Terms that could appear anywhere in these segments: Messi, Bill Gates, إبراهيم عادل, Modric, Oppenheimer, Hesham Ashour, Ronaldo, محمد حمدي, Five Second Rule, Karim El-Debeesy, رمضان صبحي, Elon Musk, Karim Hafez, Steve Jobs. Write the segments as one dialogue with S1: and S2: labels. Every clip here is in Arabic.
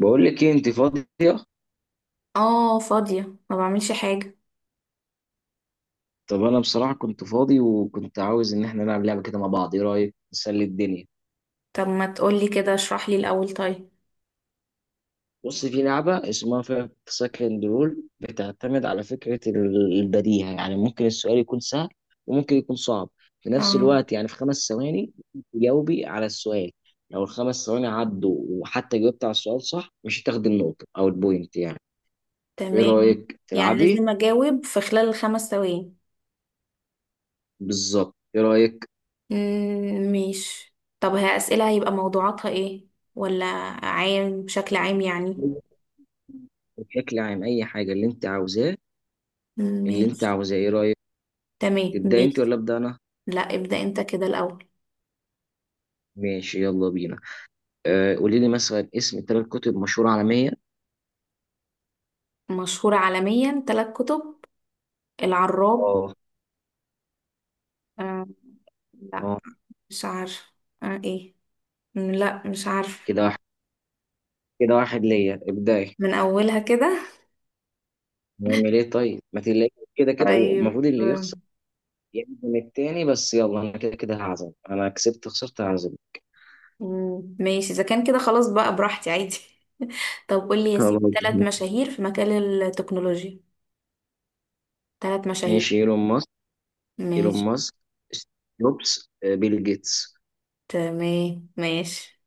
S1: بقول لك ايه؟ انت فاضيه؟
S2: اه، فاضية. ما بعملش حاجة.
S1: طب انا بصراحه كنت فاضي وكنت عاوز ان احنا نلعب لعبه كده مع بعض، ايه رايك نسلي الدنيا؟
S2: طب ما تقولي كده، اشرح لي الأول طيب.
S1: بص، في لعبه اسمها فايف سكند رول، بتعتمد على فكره البديهه، يعني ممكن السؤال يكون سهل وممكن يكون صعب في نفس
S2: اه،
S1: الوقت، يعني في 5 ثواني تجاوبي على السؤال. لو ال5 ثواني عدوا وحتى جاوبت على السؤال صح مش هتاخدي النقطه او البوينت يعني. ايه
S2: تمام.
S1: رايك
S2: يعني
S1: تلعبي؟
S2: لازم أجاوب في خلال الخمس ثواني؟
S1: بالظبط، ايه رايك؟
S2: مم، ماشي. طب هي أسئلة هيبقى موضوعاتها ايه؟ ولا عام؟ بشكل عام يعني.
S1: بشكل عام، اي حاجه اللي انت عاوزاه، اللي انت
S2: ماشي.
S1: عاوزاه، ايه رايك؟
S2: تمام،
S1: تبدا انت
S2: ماشي.
S1: ولا ابدا انا؟
S2: لا، ابدأ انت كده الأول.
S1: ماشي يلا بينا. قولي لي مثلا اسم ثلاث كتب مشهوره عالميه.
S2: مشهورة عالميا، ثلاث كتب. العراب.
S1: اه.
S2: آه لا،
S1: اه.
S2: مش عارفة. ايه. لا، مش عارفة.
S1: كده واحد كده واحد ليا ابداي.
S2: من أولها كده؟
S1: نعمل ايه طيب؟ ما تلاقي كده كده هو
S2: طيب.
S1: المفروض اللي يخسر يعزم التاني، بس يلا، انا كده كده هعزم، انا كسبت خسرت هعزم.
S2: مم. ماشي، اذا كان كده خلاص بقى براحتي عادي. طب قول لي يا
S1: خلاص
S2: سيدي، ثلاث مشاهير في مجال التكنولوجيا. ثلاث مشاهير.
S1: ماشي. ايلون ماسك. ايلون
S2: ماشي.
S1: ماسك ستيف جوبز، بيل جيتس.
S2: تمام، ماشي.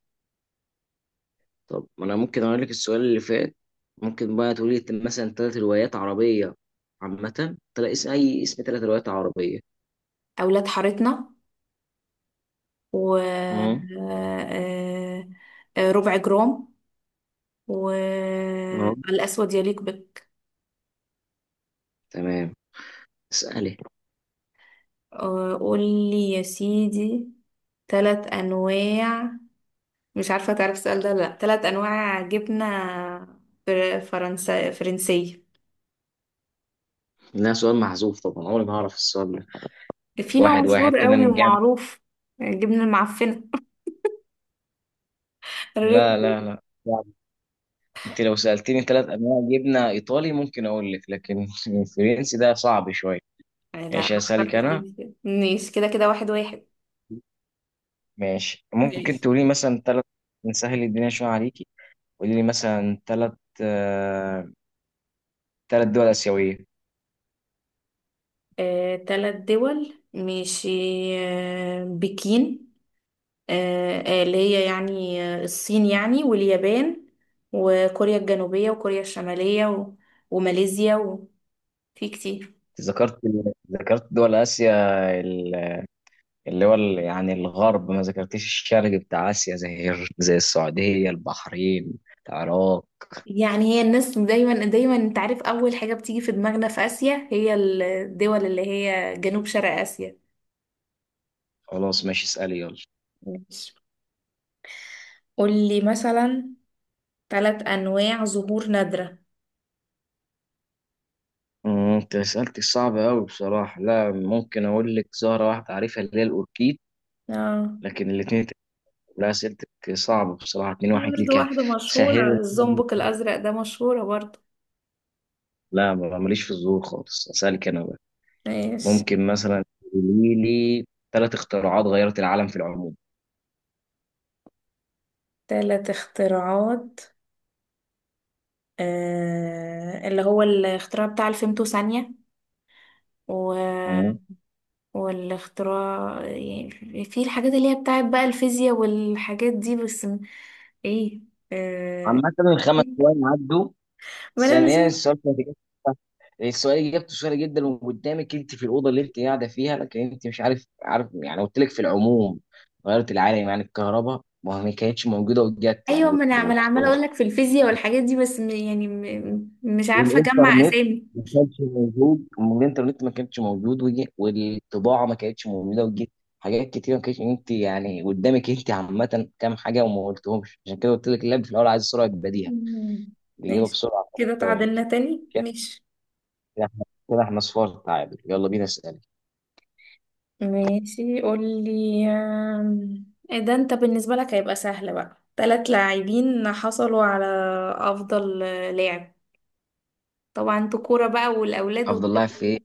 S1: طب ما انا ممكن اقول لك السؤال اللي فات. ممكن بقى تقولي لي مثلا ثلاث روايات عربية عامة؟ تلاقي اسم، اي اسم، ثلاث روايات عربية.
S2: اولاد حارتنا و
S1: اه.
S2: ربع جرام،
S1: اه.
S2: والاسود يليق بك.
S1: تمام، اسألي.
S2: قول لي يا سيدي، ثلاث انواع. مش عارفه تعرف السؤال ده ولا لا، ثلاث انواع جبنه فرنسا فرنسيه.
S1: لا، سؤال محذوف طبعا، عمري ما هعرف السؤال ده.
S2: في نوع
S1: واحد واحد
S2: مشهور
S1: كده
S2: قوي
S1: نرجع.
S2: ومعروف. الجبنة المعفنة. الريك.
S1: لا لا لا، صعب. انت لو سألتني ثلاث انواع جبنة ايطالي ممكن اقول لك، لكن الفرنسي ده صعب شوية.
S2: يعني لا،
S1: ماشي
S2: أنا
S1: هسألك
S2: اخترت
S1: انا.
S2: فرنسا كده ماشي، كده كده واحد واحد.
S1: ماشي، ممكن
S2: ماشي.
S1: تقولي مثلا ثلاث، نسهل الدنيا شوية عليكي، قولي لي مثلا ثلاث، ثلاث دول آسيوية.
S2: تلات دول ماشي. بكين. اللي هي يعني الصين، يعني واليابان، وكوريا الجنوبية وكوريا الشمالية، وماليزيا وفي كتير.
S1: ذكرت ذكرت دول آسيا ال- اللي هو يعني الغرب، ما ذكرتش الشرق بتاع آسيا، زي زي السعودية، البحرين، العراق.
S2: يعني هي الناس دايما دايما، انت عارف، أول حاجة بتيجي في دماغنا في آسيا هي الدول اللي هي جنوب شرق آسيا.
S1: خلاص ماشي، اسألي يلا.
S2: ماشي. قولي مثلا ثلاث أنواع زهور نادرة.
S1: انت سألتي صعبة أوي بصراحة. لا، ممكن أقول لك زهرة واحدة عارفها اللي هي الأوركيد،
S2: اه،
S1: لكن الاتنين لا، أسئلتك صعبة بصراحة، اتنين
S2: في
S1: واحد
S2: برضه
S1: ليك.
S2: واحدة مشهورة،
S1: سهل.
S2: الزومبك الأزرق ده مشهورة برضه.
S1: لا، ماليش في الزهور خالص، أسألك أنا بقى.
S2: ماشي.
S1: ممكن مثلا تقولي لي ثلاث اختراعات غيرت العالم في العموم.
S2: ثلاث اختراعات. اللي هو الاختراع بتاع الفيمتو ثانية. و... والاختراع، يعني في الحاجات اللي هي بتاعت بقى الفيزياء والحاجات دي بس ايه. آه...
S1: عامة الخمس ثواني عدوا.
S2: ما انا مش
S1: ثانيا السؤال كان السؤال اجابته سهله جدا وقدامك انت في الاوضه اللي انت قاعده فيها، لكن انت مش عارف عارف، يعني قلت لك في العموم غيرت العالم، يعني الكهرباء ما كانتش موجوده وجت، يعني
S2: ايوه، ما انا ما أنا عماله
S1: والخ-
S2: اقول لك في الفيزياء والحاجات دي بس يعني مش عارفه اجمع
S1: والانترنت
S2: اسامي.
S1: ما كانش موجود، وجي، والطباعه ما كانتش موجوده وجت. حاجات كتير ما كانتش، انت يعني قدامك انت عامه كام حاجه وما قلتهمش، عشان كده قلت لك اللعب في الاول عايز سرعه بديهه،
S2: مم.
S1: الاجابه
S2: ماشي،
S1: بسرعه خمس
S2: كده
S1: ثواني
S2: تعادلنا تاني، ماشي.
S1: كده احنا، كده احنا صفار تعادل. يلا بينا اسأل.
S2: ماشي. قولي. آم، إيه ده، انت بالنسبة لك هيبقى سهل بقى. تلات لاعبين حصلوا على أفضل لاعب. طبعا انتوا كورة بقى، والأولاد
S1: افضل لاعب في
S2: وبتبقوا
S1: ايه؟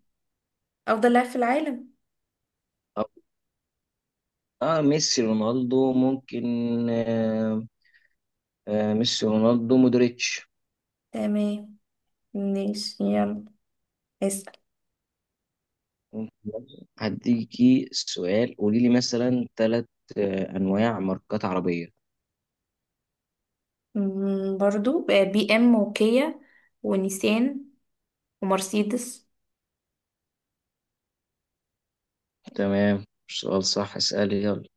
S2: أفضل لاعب في العالم.
S1: اه، ميسي، رونالدو، ممكن. آه ميسي، رونالدو، مودريتش.
S2: تمام، ماشي، يلا اسأل.
S1: ممكن. هديكي سؤال. قولي لي مثلا ثلاث انواع ماركات عربية.
S2: برضو بي ام وكيا، ونيسان، ومرسيدس.
S1: تمام، سؤال صح، اسألي يلا.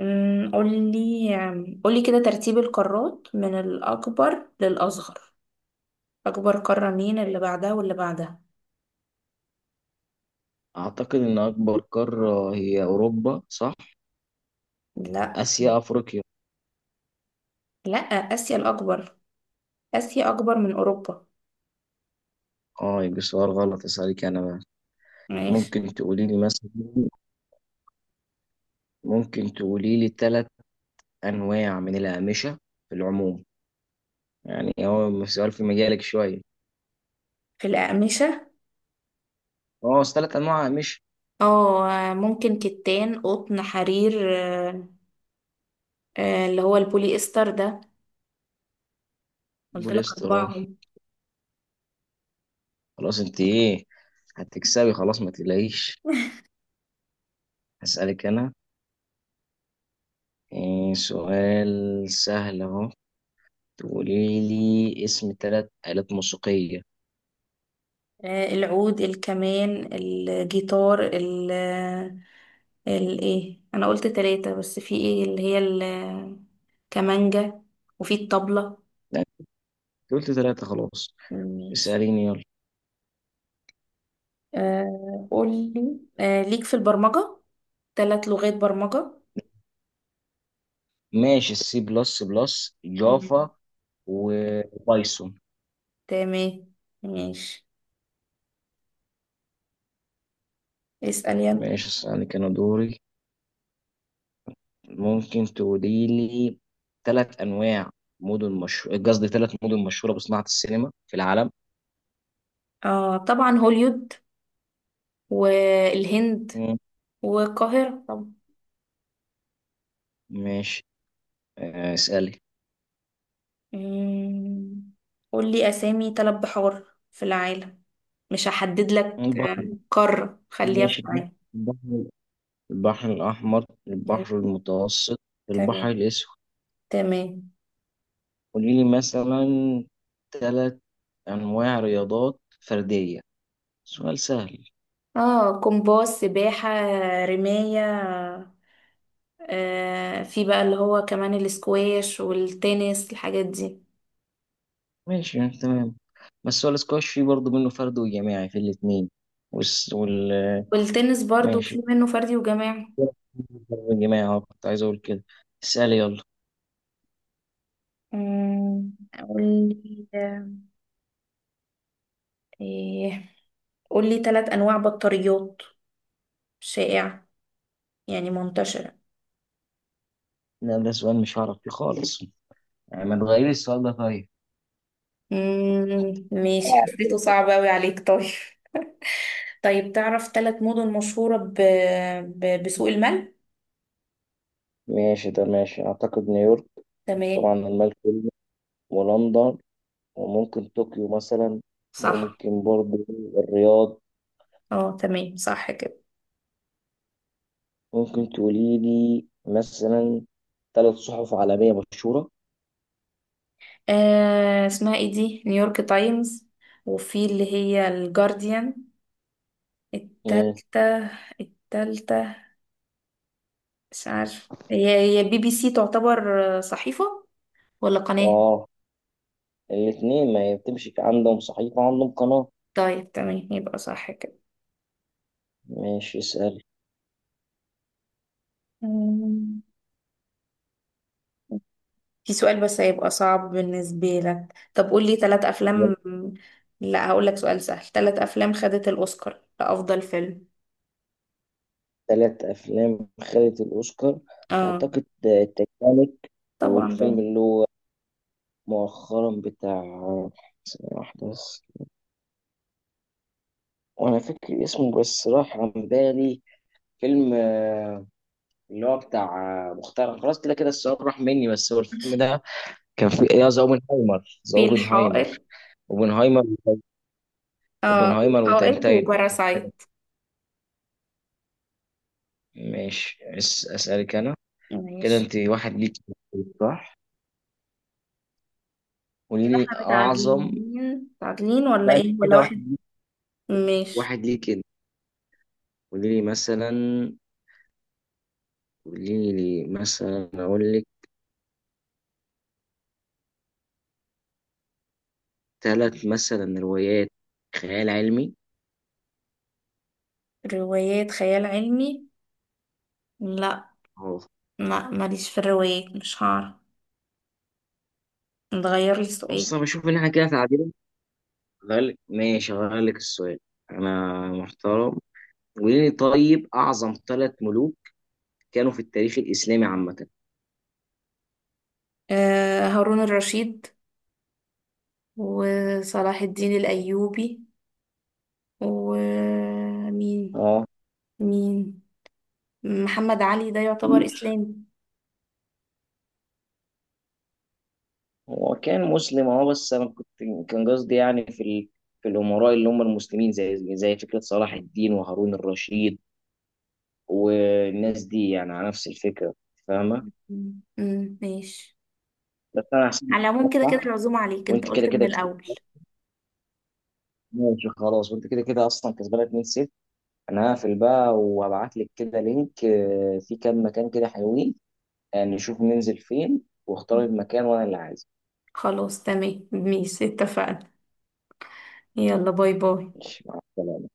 S2: قولي كده ترتيب القارات من الأكبر للأصغر. أكبر قارة مين، اللي بعدها، واللي بعدها؟
S1: اعتقد ان اكبر قارة هي اوروبا، صح؟
S2: لا.
S1: اسيا، افريقيا.
S2: لا، آسيا الأكبر. آسيا أكبر من أوروبا.
S1: اه يبقى سؤال غلط، اسألك انا بقى.
S2: ماشي.
S1: ممكن تقولي لي مثلا، ممكن تقولي لي ثلاث انواع من الاقمشة في العموم؟ يعني هو سؤال في مجالك شوية.
S2: في الأقمشة.
S1: هو أصل تلات أنواع مش.
S2: اه، ممكن كتان قطن حرير اللي هو البوليستر ده. قلت لك
S1: بوليسترول.
S2: أربعهم.
S1: خلاص أنت إيه، هتكسبي خلاص، ما تقلقيش. هسألك أنا. إيه، سؤال سهل أهو، تقولي لي اسم تلات آلات موسيقية.
S2: العود الكمان الجيتار الايه، انا قلت ثلاثة بس، في ايه اللي هي الكمانجة، وفي الطبلة.
S1: لا أنت قلت تلاتة خلاص، اسأليني يلا.
S2: قولي. ليك في البرمجة، ثلاث لغات برمجة.
S1: ماشي، السي بلس بلس،
S2: مم.
S1: جافا، وبايثون.
S2: تمام، ماشي، اسأل يلا.
S1: ماشي أسألك أنا دوري. ممكن تقولي لي ثلاث انواع مدن، مش قصدي، ثلاث مدن مشهوره بصناعه السينما في العالم.
S2: طبعا هوليود، والهند،
S1: مم.
S2: والقاهرة طبعا.
S1: ماشي. اسالي.
S2: مم. قولي أسامي ثلاث بحار في العالم. مش هحدد لك
S1: البحر.
S2: قارة، خليها في
S1: ماشي،
S2: العالم.
S1: البحر، البحر الاحمر،
S2: مم.
S1: البحر المتوسط، البحر
S2: تمام،
S1: الاسود.
S2: تمام.
S1: قولي لي مثلا ثلاث انواع رياضات فرديه، سؤال سهل.
S2: اه، كومباس سباحة رماية، في بقى اللي هو كمان الاسكواش والتنس الحاجات دي.
S1: ماشي تمام. بس هو الاسكواش فيه برضه منه فرد وجماعي في الاثنين، وال.
S2: والتنس برضو
S1: ماشي
S2: في منه فردي وجماعي.
S1: يا جماعة، أهو كنت عايز أقول كده. اسألي يلا.
S2: قولي إيه، قولي ثلاث أنواع بطاريات شائعة، يعني منتشرة.
S1: لا ده سؤال مش هعرف فيه خالص، يعني ما تغيري السؤال ده طيب.
S2: ماشي، حسيته صعب أوي عليك طيب. طيب تعرف ثلاث مدن مشهورة بسوق المال؟
S1: ماشي ده ماشي، أعتقد نيويورك،
S2: تمام.
S1: طبعا الملك فيلم، ولندن، وممكن طوكيو مثلا،
S2: صح.
S1: وممكن برضه الرياض.
S2: اه، تمام صح كده.
S1: ممكن تقولي لي مثلا ثلاث صحف عالمية مشهورة.
S2: اسمها ايه دي، نيويورك تايمز، وفي اللي هي الجارديان.
S1: مم.
S2: التالتة التالتة، مش عارف، هي بي بي سي تعتبر صحيفة ولا قناة؟
S1: آه الاتنين، ما هي بتمشي عندهم صحيفة عندهم قناة.
S2: طيب تمام، يبقى صح كده.
S1: ماشي اسألي.
S2: أمم، في سؤال بس هيبقى صعب بالنسبة لك، طب قول لي ثلاث أفلام. لا، هقول لك سؤال سهل، ثلاث أفلام خدت الأوسكار لأفضل فيلم.
S1: ثلاث أفلام خدت الأوسكار.
S2: اه،
S1: أعتقد تitanic،
S2: طبعا
S1: والفيلم
S2: ده.
S1: اللي هو مؤخرا بتاع، ثانية واحدة بس وأنا فاكر اسمه بس راح عن بالي. فيلم اللي هو بتاع، مختار. خلاص كده كده السؤال راح مني، بس هو الفيلم ده كان فيه، يا ذا اوبنهايمر، ذا
S2: في
S1: اوبنهايمر.
S2: الحائط.
S1: اوبنهايمر.
S2: اه،
S1: اوبنهايمر
S2: الحائط
S1: وتنتين.
S2: وباراسايت.
S1: ماشي أسألك أنا. كده
S2: ماشي،
S1: أنت واحد ليك، صح؟ قولي
S2: كده
S1: لي
S2: احنا
S1: أعظم.
S2: متعادلين. متعادلين ولا
S1: لا أنت
S2: ايه، ولا
S1: كده
S2: واحد؟
S1: واحد،
S2: ماشي.
S1: واحد ليك كده. قولي لي مثلا، قولي لي مثلا اقول لك ثلاث مثلا روايات خيال علمي.
S2: روايات خيال علمي. لا،
S1: اهو.
S2: ما ماليش في الروايات، مش هعرف. نغير لي
S1: بص
S2: السؤال.
S1: انا بشوف ان احنا كده تعادل، هغير لك ماشي، هغير لك السؤال، انا محترم. قولي لي طيب اعظم ثلاث ملوك كانوا في التاريخ الاسلامي عامه.
S2: هارون الرشيد، وصلاح الدين الأيوبي، ومين؟
S1: اه.
S2: مين؟ محمد علي ده يعتبر إسلامي؟
S1: هو كان مسلم اه، بس انا كنت كان قصدي يعني في في الامراء اللي هم المسلمين، زي فكره صلاح الدين وهارون الرشيد والناس دي، يعني على نفس الفكره. فاهمه؟
S2: مم، مم، ماشي.
S1: بس انا هسيبك
S2: على
S1: تشتغل
S2: العموم كده كده
S1: صح.
S2: العزومة عليك، انت
S1: وانت كده
S2: قلت من
S1: كده كسبت.
S2: الأول.
S1: ماشي خلاص، وانت كده كده اصلا كسبانه 2-0. انا هقفل بقى وهبعت لك كده لينك، في كام مكان كده حلوين، نشوف ننزل فين واختار
S2: مم.
S1: المكان وانا اللي عايزه.
S2: خلاص، تمام، ماشي، اتفقنا. يلا، باي باي.
S1: ماشي مع السلامه.